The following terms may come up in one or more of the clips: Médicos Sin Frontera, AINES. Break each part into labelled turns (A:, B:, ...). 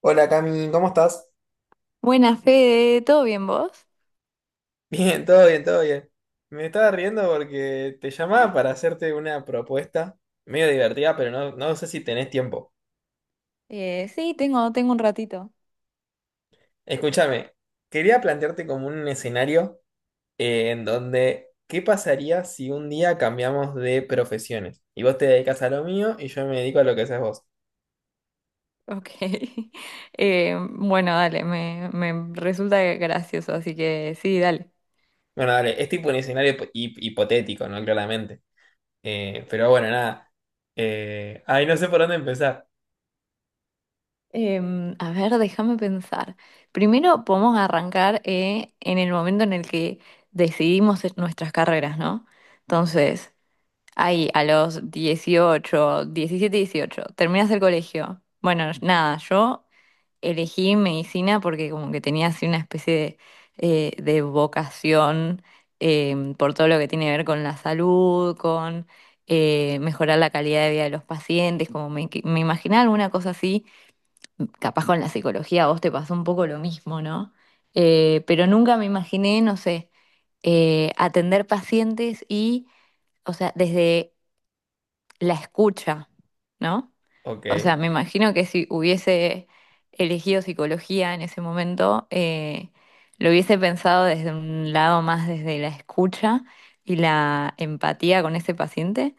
A: Hola Cami, ¿cómo estás?
B: Buenas, Fede, ¿todo bien vos?
A: Bien, todo bien, todo bien. Me estaba riendo porque te llamaba para hacerte una propuesta medio divertida, pero no, no sé si tenés tiempo.
B: Sí, tengo un ratito.
A: Escúchame, quería plantearte como un escenario en donde, ¿qué pasaría si un día cambiamos de profesiones? Y vos te dedicas a lo mío y yo me dedico a lo que haces vos.
B: Ok. Bueno, dale, me resulta gracioso, así que sí, dale.
A: Bueno, dale, es tipo un escenario hipotético, ¿no? Claramente. Pero bueno, nada. Ay, no sé por dónde empezar.
B: A ver, déjame pensar. Primero podemos arrancar en el momento en el que decidimos nuestras carreras, ¿no? Entonces, ahí a los 18, 17, 18, terminas el colegio. Bueno, nada, yo elegí medicina porque como que tenía así una especie de vocación por todo lo que tiene que ver con la salud, con mejorar la calidad de vida de los pacientes, como me imaginaba alguna cosa así, capaz con la psicología a vos te pasó un poco lo mismo, ¿no? Pero nunca me imaginé, no sé, atender pacientes y, o sea, desde la escucha, ¿no?
A: Ok.
B: O sea, me imagino que si hubiese elegido psicología en ese momento, lo hubiese pensado desde un lado más desde la escucha y la empatía con ese paciente,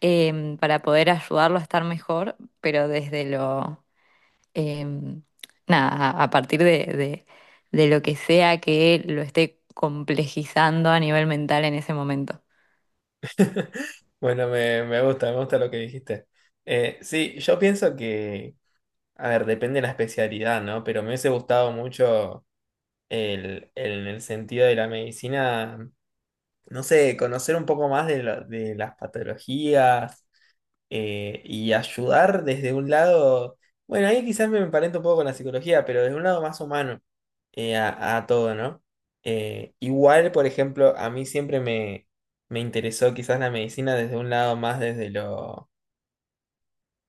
B: para poder ayudarlo a estar mejor, pero desde lo, em, nada, a de lo que sea que lo esté complejizando a nivel mental en ese momento.
A: Bueno, me gusta lo que dijiste. Sí, yo pienso que, a ver, depende de la especialidad, ¿no? Pero me hubiese gustado mucho el sentido de la medicina, no sé, conocer un poco más de, de las patologías, y ayudar desde un lado, bueno, ahí quizás me emparento un poco con la psicología, pero desde un lado más humano a todo, ¿no? Igual, por ejemplo, a mí siempre me interesó quizás la medicina desde un lado más desde lo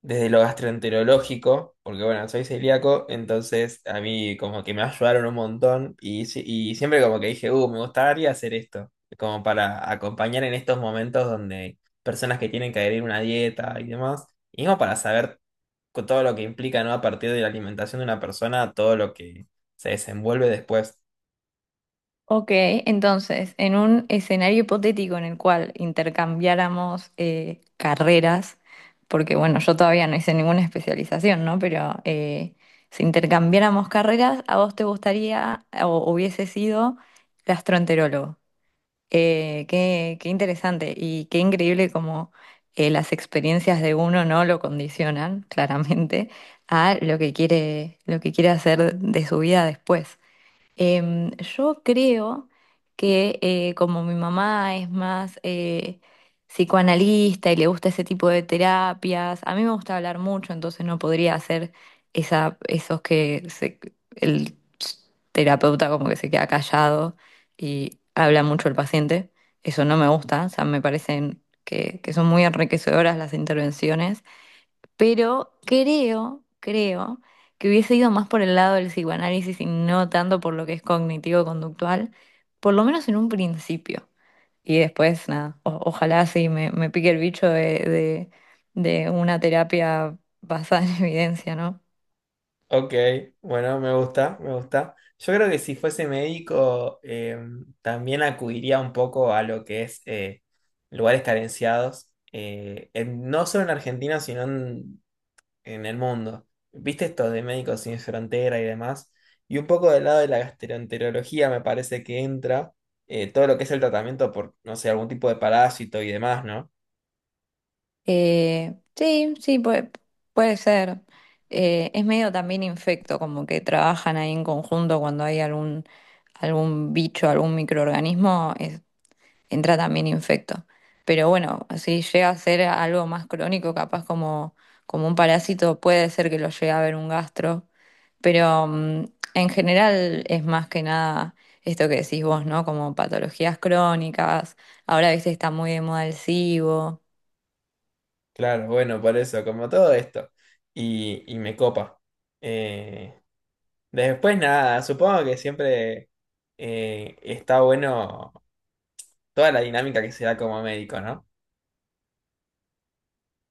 A: desde lo gastroenterológico, porque bueno, soy celíaco, entonces a mí como que me ayudaron un montón y, y siempre como que dije, me gustaría hacer esto, como para acompañar en estos momentos donde personas que tienen que adherir una dieta y demás, y como para saber con todo lo que implica, ¿no? A partir de la alimentación de una persona, todo lo que se desenvuelve después.
B: Ok, entonces, en un escenario hipotético en el cual intercambiáramos carreras, porque bueno, yo todavía no hice ninguna especialización, ¿no? Pero si intercambiáramos carreras, ¿a vos te gustaría o hubiese sido gastroenterólogo? Qué interesante y qué increíble como las experiencias de uno no lo condicionan claramente a lo que quiere hacer de su vida después. Yo creo que como mi mamá es más psicoanalista y le gusta ese tipo de terapias, a mí me gusta hablar mucho, entonces no podría hacer esos el terapeuta como que se queda callado y habla mucho el paciente. Eso no me gusta, o sea, me parecen que son muy enriquecedoras las intervenciones. Pero creo que hubiese ido más por el lado del psicoanálisis y no tanto por lo que es cognitivo-conductual, por lo menos en un principio. Y después, nada, ojalá sí me pique el bicho de una terapia basada en evidencia, ¿no?
A: Ok, bueno, me gusta, me gusta. Yo creo que si fuese médico, también acudiría un poco a lo que es lugares carenciados, no solo en Argentina, sino en el mundo. ¿Viste esto de Médicos Sin Frontera y demás? Y un poco del lado de la gastroenterología me parece que entra todo lo que es el tratamiento por, no sé, algún tipo de parásito y demás, ¿no?
B: Eh, sí, sí, puede, puede ser. Es medio también infecto, como que trabajan ahí en conjunto cuando hay algún bicho, algún microorganismo, entra también infecto. Pero bueno, si llega a ser algo más crónico, como un parásito, puede ser que lo llegue a ver un gastro, pero en general es más que nada esto que decís vos, ¿no? Como patologías crónicas, ahora viste está muy de moda el SIBO.
A: Claro, bueno, por eso, como todo esto. Y me copa. Eh, Después nada, supongo que siempre está bueno toda la dinámica que se da como médico, ¿no?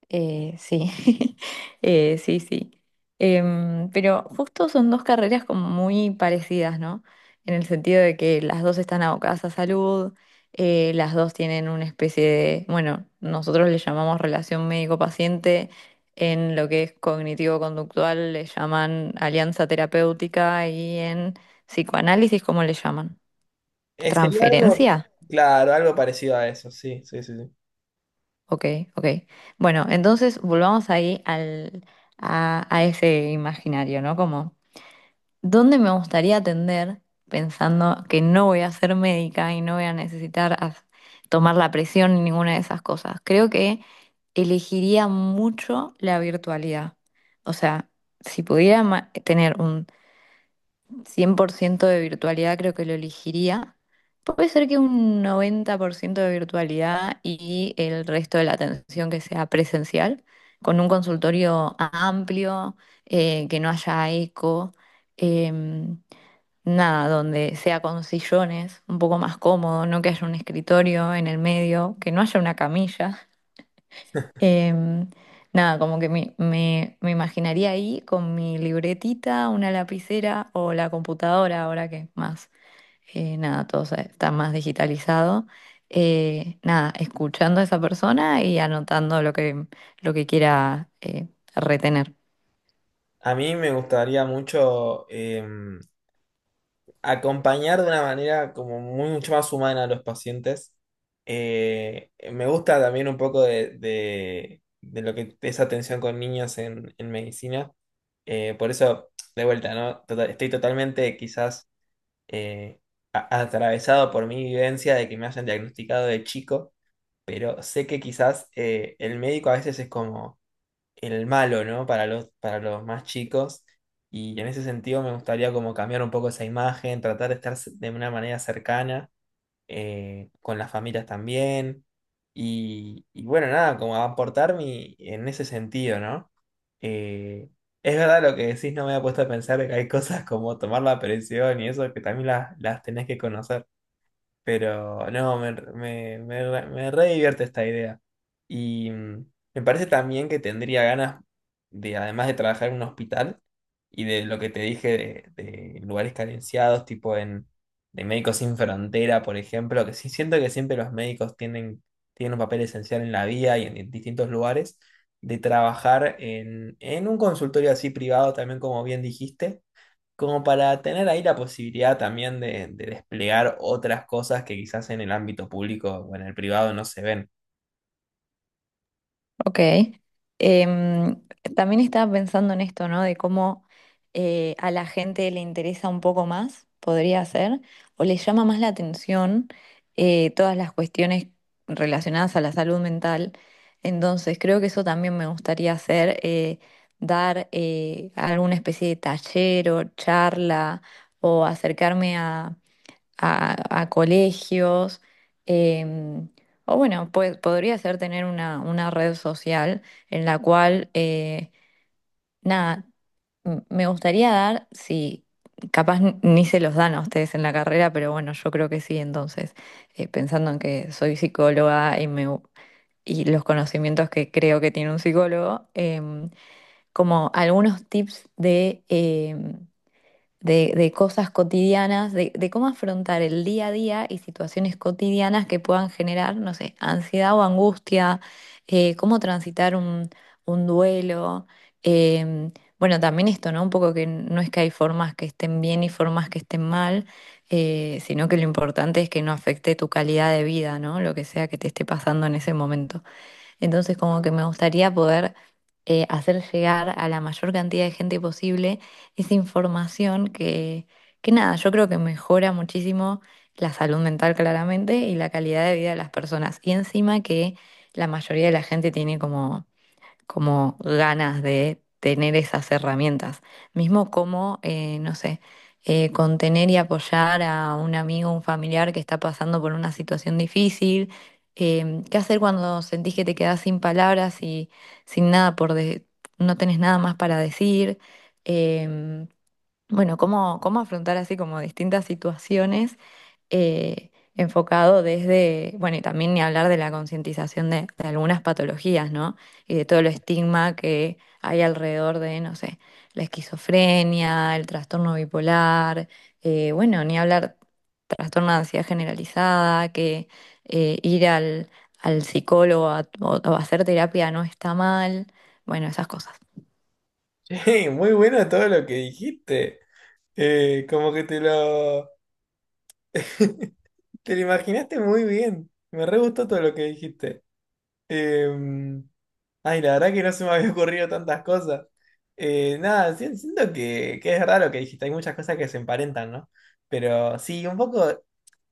B: Eh, sí, sí. Pero justo son dos carreras como muy parecidas, ¿no? En el sentido de que las dos están abocadas a salud, las dos tienen una especie de, bueno, nosotros le llamamos relación médico-paciente, en lo que es cognitivo-conductual le llaman alianza terapéutica y en psicoanálisis, ¿cómo le llaman?
A: Sería algo,
B: ¿Transferencia?
A: claro, algo parecido a eso, sí, sí, sí, sí.
B: Ok, ok. Bueno, entonces volvamos ahí a ese imaginario, ¿no? Como, ¿dónde me gustaría atender pensando que no voy a ser médica y no voy a necesitar tomar la presión ni ninguna de esas cosas? Creo que elegiría mucho la virtualidad. O sea, si pudiera tener un 100% de virtualidad creo que lo elegiría. Puede ser que un 90% de virtualidad y el resto de la atención que sea presencial, con un consultorio amplio, que no haya eco, em, nada, donde sea con sillones, un poco más cómodo, no que haya un escritorio en el medio, que no haya una camilla. Em, Nada, como que me imaginaría ahí con mi libretita, una lapicera o la computadora, ahora que más, nada, todo está más digitalizado. Nada, escuchando a esa persona y anotando lo que quiera retener.
A: A mí me gustaría mucho acompañar de una manera como mucho más humana a los pacientes. Me gusta también un poco de, de lo que es atención con niños en medicina. Por eso, de vuelta, ¿no? Estoy totalmente quizás eh, atravesado por mi vivencia de que me hayan diagnosticado de chico, pero sé que quizás el médico a veces es como el malo, ¿no? Para los más chicos. Y en ese sentido me gustaría como cambiar un poco esa imagen, tratar de estar de una manera cercana con las familias también. Y bueno, nada, como aportar mi, en ese sentido, ¿no? Eh, es verdad lo que decís, no me había puesto a pensar de que hay cosas como tomar la presión y eso que también las tenés que conocer. Pero no, me re divierte esta idea. Y me parece también que tendría ganas de, además de trabajar en un hospital y de lo que te dije de lugares carenciados, tipo en de Médicos Sin Frontera, por ejemplo, que sí siento que siempre los médicos tienen, tienen un papel esencial en la vida y en distintos lugares, de trabajar en un consultorio así privado, también como bien dijiste como para tener ahí la posibilidad también de desplegar otras cosas que quizás en el ámbito público o en el privado no se ven.
B: Ok. Em, También estaba pensando en esto, ¿no? De cómo a la gente le interesa un poco más, podría ser, o le llama más la atención todas las cuestiones relacionadas a la salud mental. Entonces, creo que eso también me gustaría hacer, dar alguna especie de taller o charla o acercarme a, a colegios, em, o bueno, pues podría ser tener una red social en la cual, nada, me gustaría dar, si capaz ni se los dan a ustedes en la carrera, pero bueno, yo creo que sí, entonces, pensando en que soy psicóloga y y los conocimientos que creo que tiene un psicólogo, como algunos tips de de cosas cotidianas, de cómo afrontar el día a día y situaciones cotidianas que puedan generar, no sé, ansiedad o angustia, cómo transitar un duelo. em, bueno, también esto, ¿no? Un poco que no es que hay formas que estén bien y formas que estén mal, sino que lo importante es que no afecte tu calidad de vida, ¿no? Lo que sea que te esté pasando en ese momento. Entonces, como que me gustaría poder hacer llegar a la mayor cantidad de gente posible esa información que nada, yo creo que mejora muchísimo la salud mental claramente y la calidad de vida de las personas. Y encima que la mayoría de la gente tiene como ganas de tener esas herramientas. Mismo como, no sé, contener y apoyar a un amigo, un familiar que está pasando por una situación difícil. ¿Qué hacer cuando sentís que te quedás sin palabras y sin nada por de- no tenés nada más para decir? Em, bueno, cómo afrontar así como distintas situaciones eh, enfocado desde, bueno, y también ni hablar de la concientización de algunas patologías, ¿no? Y de todo el estigma que hay alrededor de, no sé, la esquizofrenia, el trastorno bipolar, bueno, ni hablar trastorno de ansiedad generalizada, que ir al psicólogo o hacer terapia no está mal, bueno, esas cosas.
A: Che, muy bueno todo lo que dijiste. Como que te lo, te lo imaginaste muy bien. Me re gustó todo lo que dijiste. Em, ay, la verdad que no se me había ocurrido tantas cosas. Nada, siento que es raro que dijiste, hay muchas cosas que se emparentan, ¿no? Pero sí, un poco,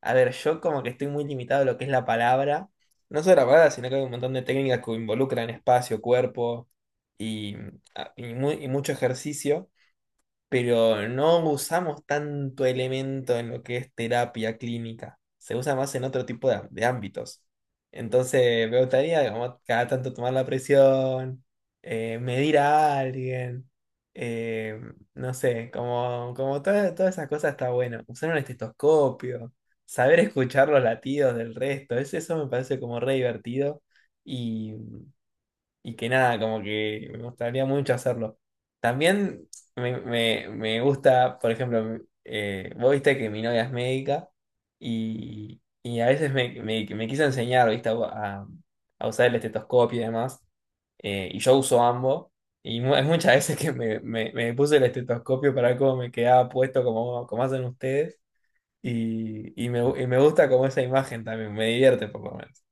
A: a ver, yo como que estoy muy limitado a lo que es la palabra, no solo la palabra, sino que hay un montón de técnicas que involucran espacio, cuerpo y, ah, y y mucho ejercicio pero no usamos tanto elemento en lo que es terapia clínica. Se usa más en otro tipo de ámbitos. Entonces, me gustaría, digamos, cada tanto tomar la presión, medir a alguien, eh, no sé, como, todas esas cosas está bueno. Usar un estetoscopio, saber escuchar los latidos del resto, eso me parece como re divertido y que nada, como que me gustaría mucho hacerlo. También me gusta, por ejemplo, vos viste que mi novia es médica y a veces me quiso enseñar, viste, a usar el estetoscopio y demás, y yo uso ambos, y es muchas veces que me puse el estetoscopio para ver cómo me quedaba puesto, como, como hacen ustedes, y me gusta como esa imagen también, me divierte por lo menos.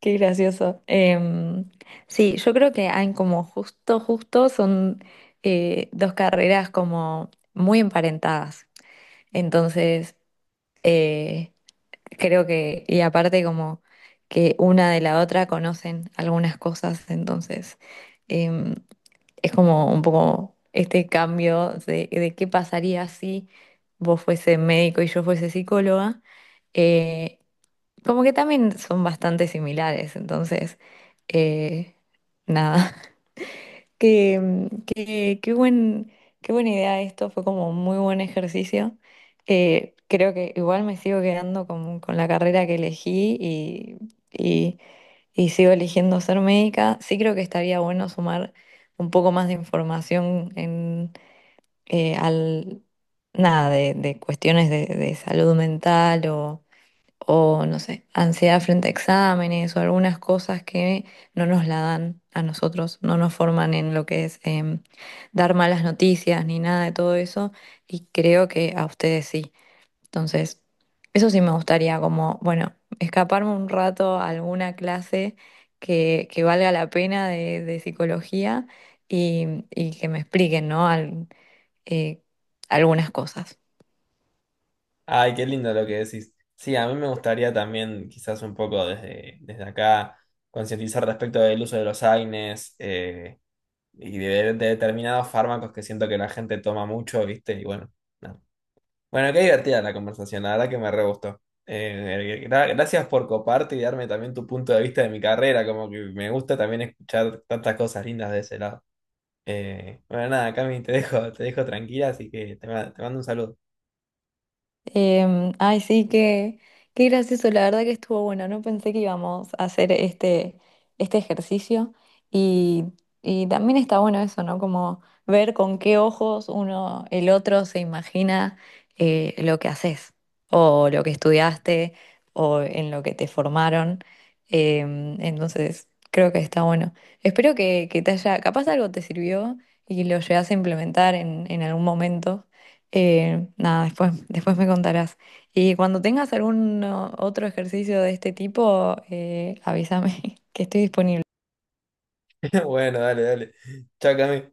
B: Qué gracioso. Sí, yo creo que hay como justo son dos carreras como muy emparentadas. Entonces, eh, creo que, y aparte como que una de la otra conocen algunas cosas, entonces em, es como un poco este cambio de qué pasaría si vos fuese médico y yo fuese psicóloga. Eh, Como que también son bastante similares, entonces, eh, nada, qué qué qué buen, qué buena idea esto, fue como un muy buen ejercicio. Creo que igual me sigo quedando con la carrera que elegí y, y sigo eligiendo ser médica. Sí creo que estaría bueno sumar un poco más de información en, eh, al, nada, de cuestiones de salud mental o no sé, ansiedad frente a exámenes o algunas cosas que no nos la dan a nosotros, no nos forman en lo que es dar malas noticias ni nada de todo eso y creo que a ustedes sí. Entonces, eso sí me gustaría como, bueno, escaparme un rato a alguna clase que valga la pena de psicología y que me expliquen, ¿no? Eh, algunas cosas.
A: Ay, qué lindo lo que decís. Sí, a mí me gustaría también, quizás un poco desde, desde acá, concientizar respecto del uso de los AINES y de determinados fármacos que siento que la gente toma mucho, ¿viste? Y bueno, nada. Bueno, qué divertida la conversación, la verdad que me re gustó. Gracias por coparte y darme también tu punto de vista de mi carrera, como que me gusta también escuchar tantas cosas lindas de ese lado. Bueno, nada, Cami, te dejo tranquila, así que te te mando un saludo.
B: Ay, sí, qué, qué gracioso, la verdad que estuvo bueno, no pensé que íbamos a hacer este ejercicio y, y también está bueno eso, ¿no? Como ver con qué ojos uno, el otro se imagina lo que haces o lo que estudiaste o en lo que te formaron. Entonces, creo que está bueno. Espero que te haya, capaz algo te sirvió y lo llegas a implementar en algún momento. Nada, después me contarás. Y cuando tengas algún otro ejercicio de este tipo, avísame que estoy disponible.
A: Bueno, dale, dale. Chao, Cami.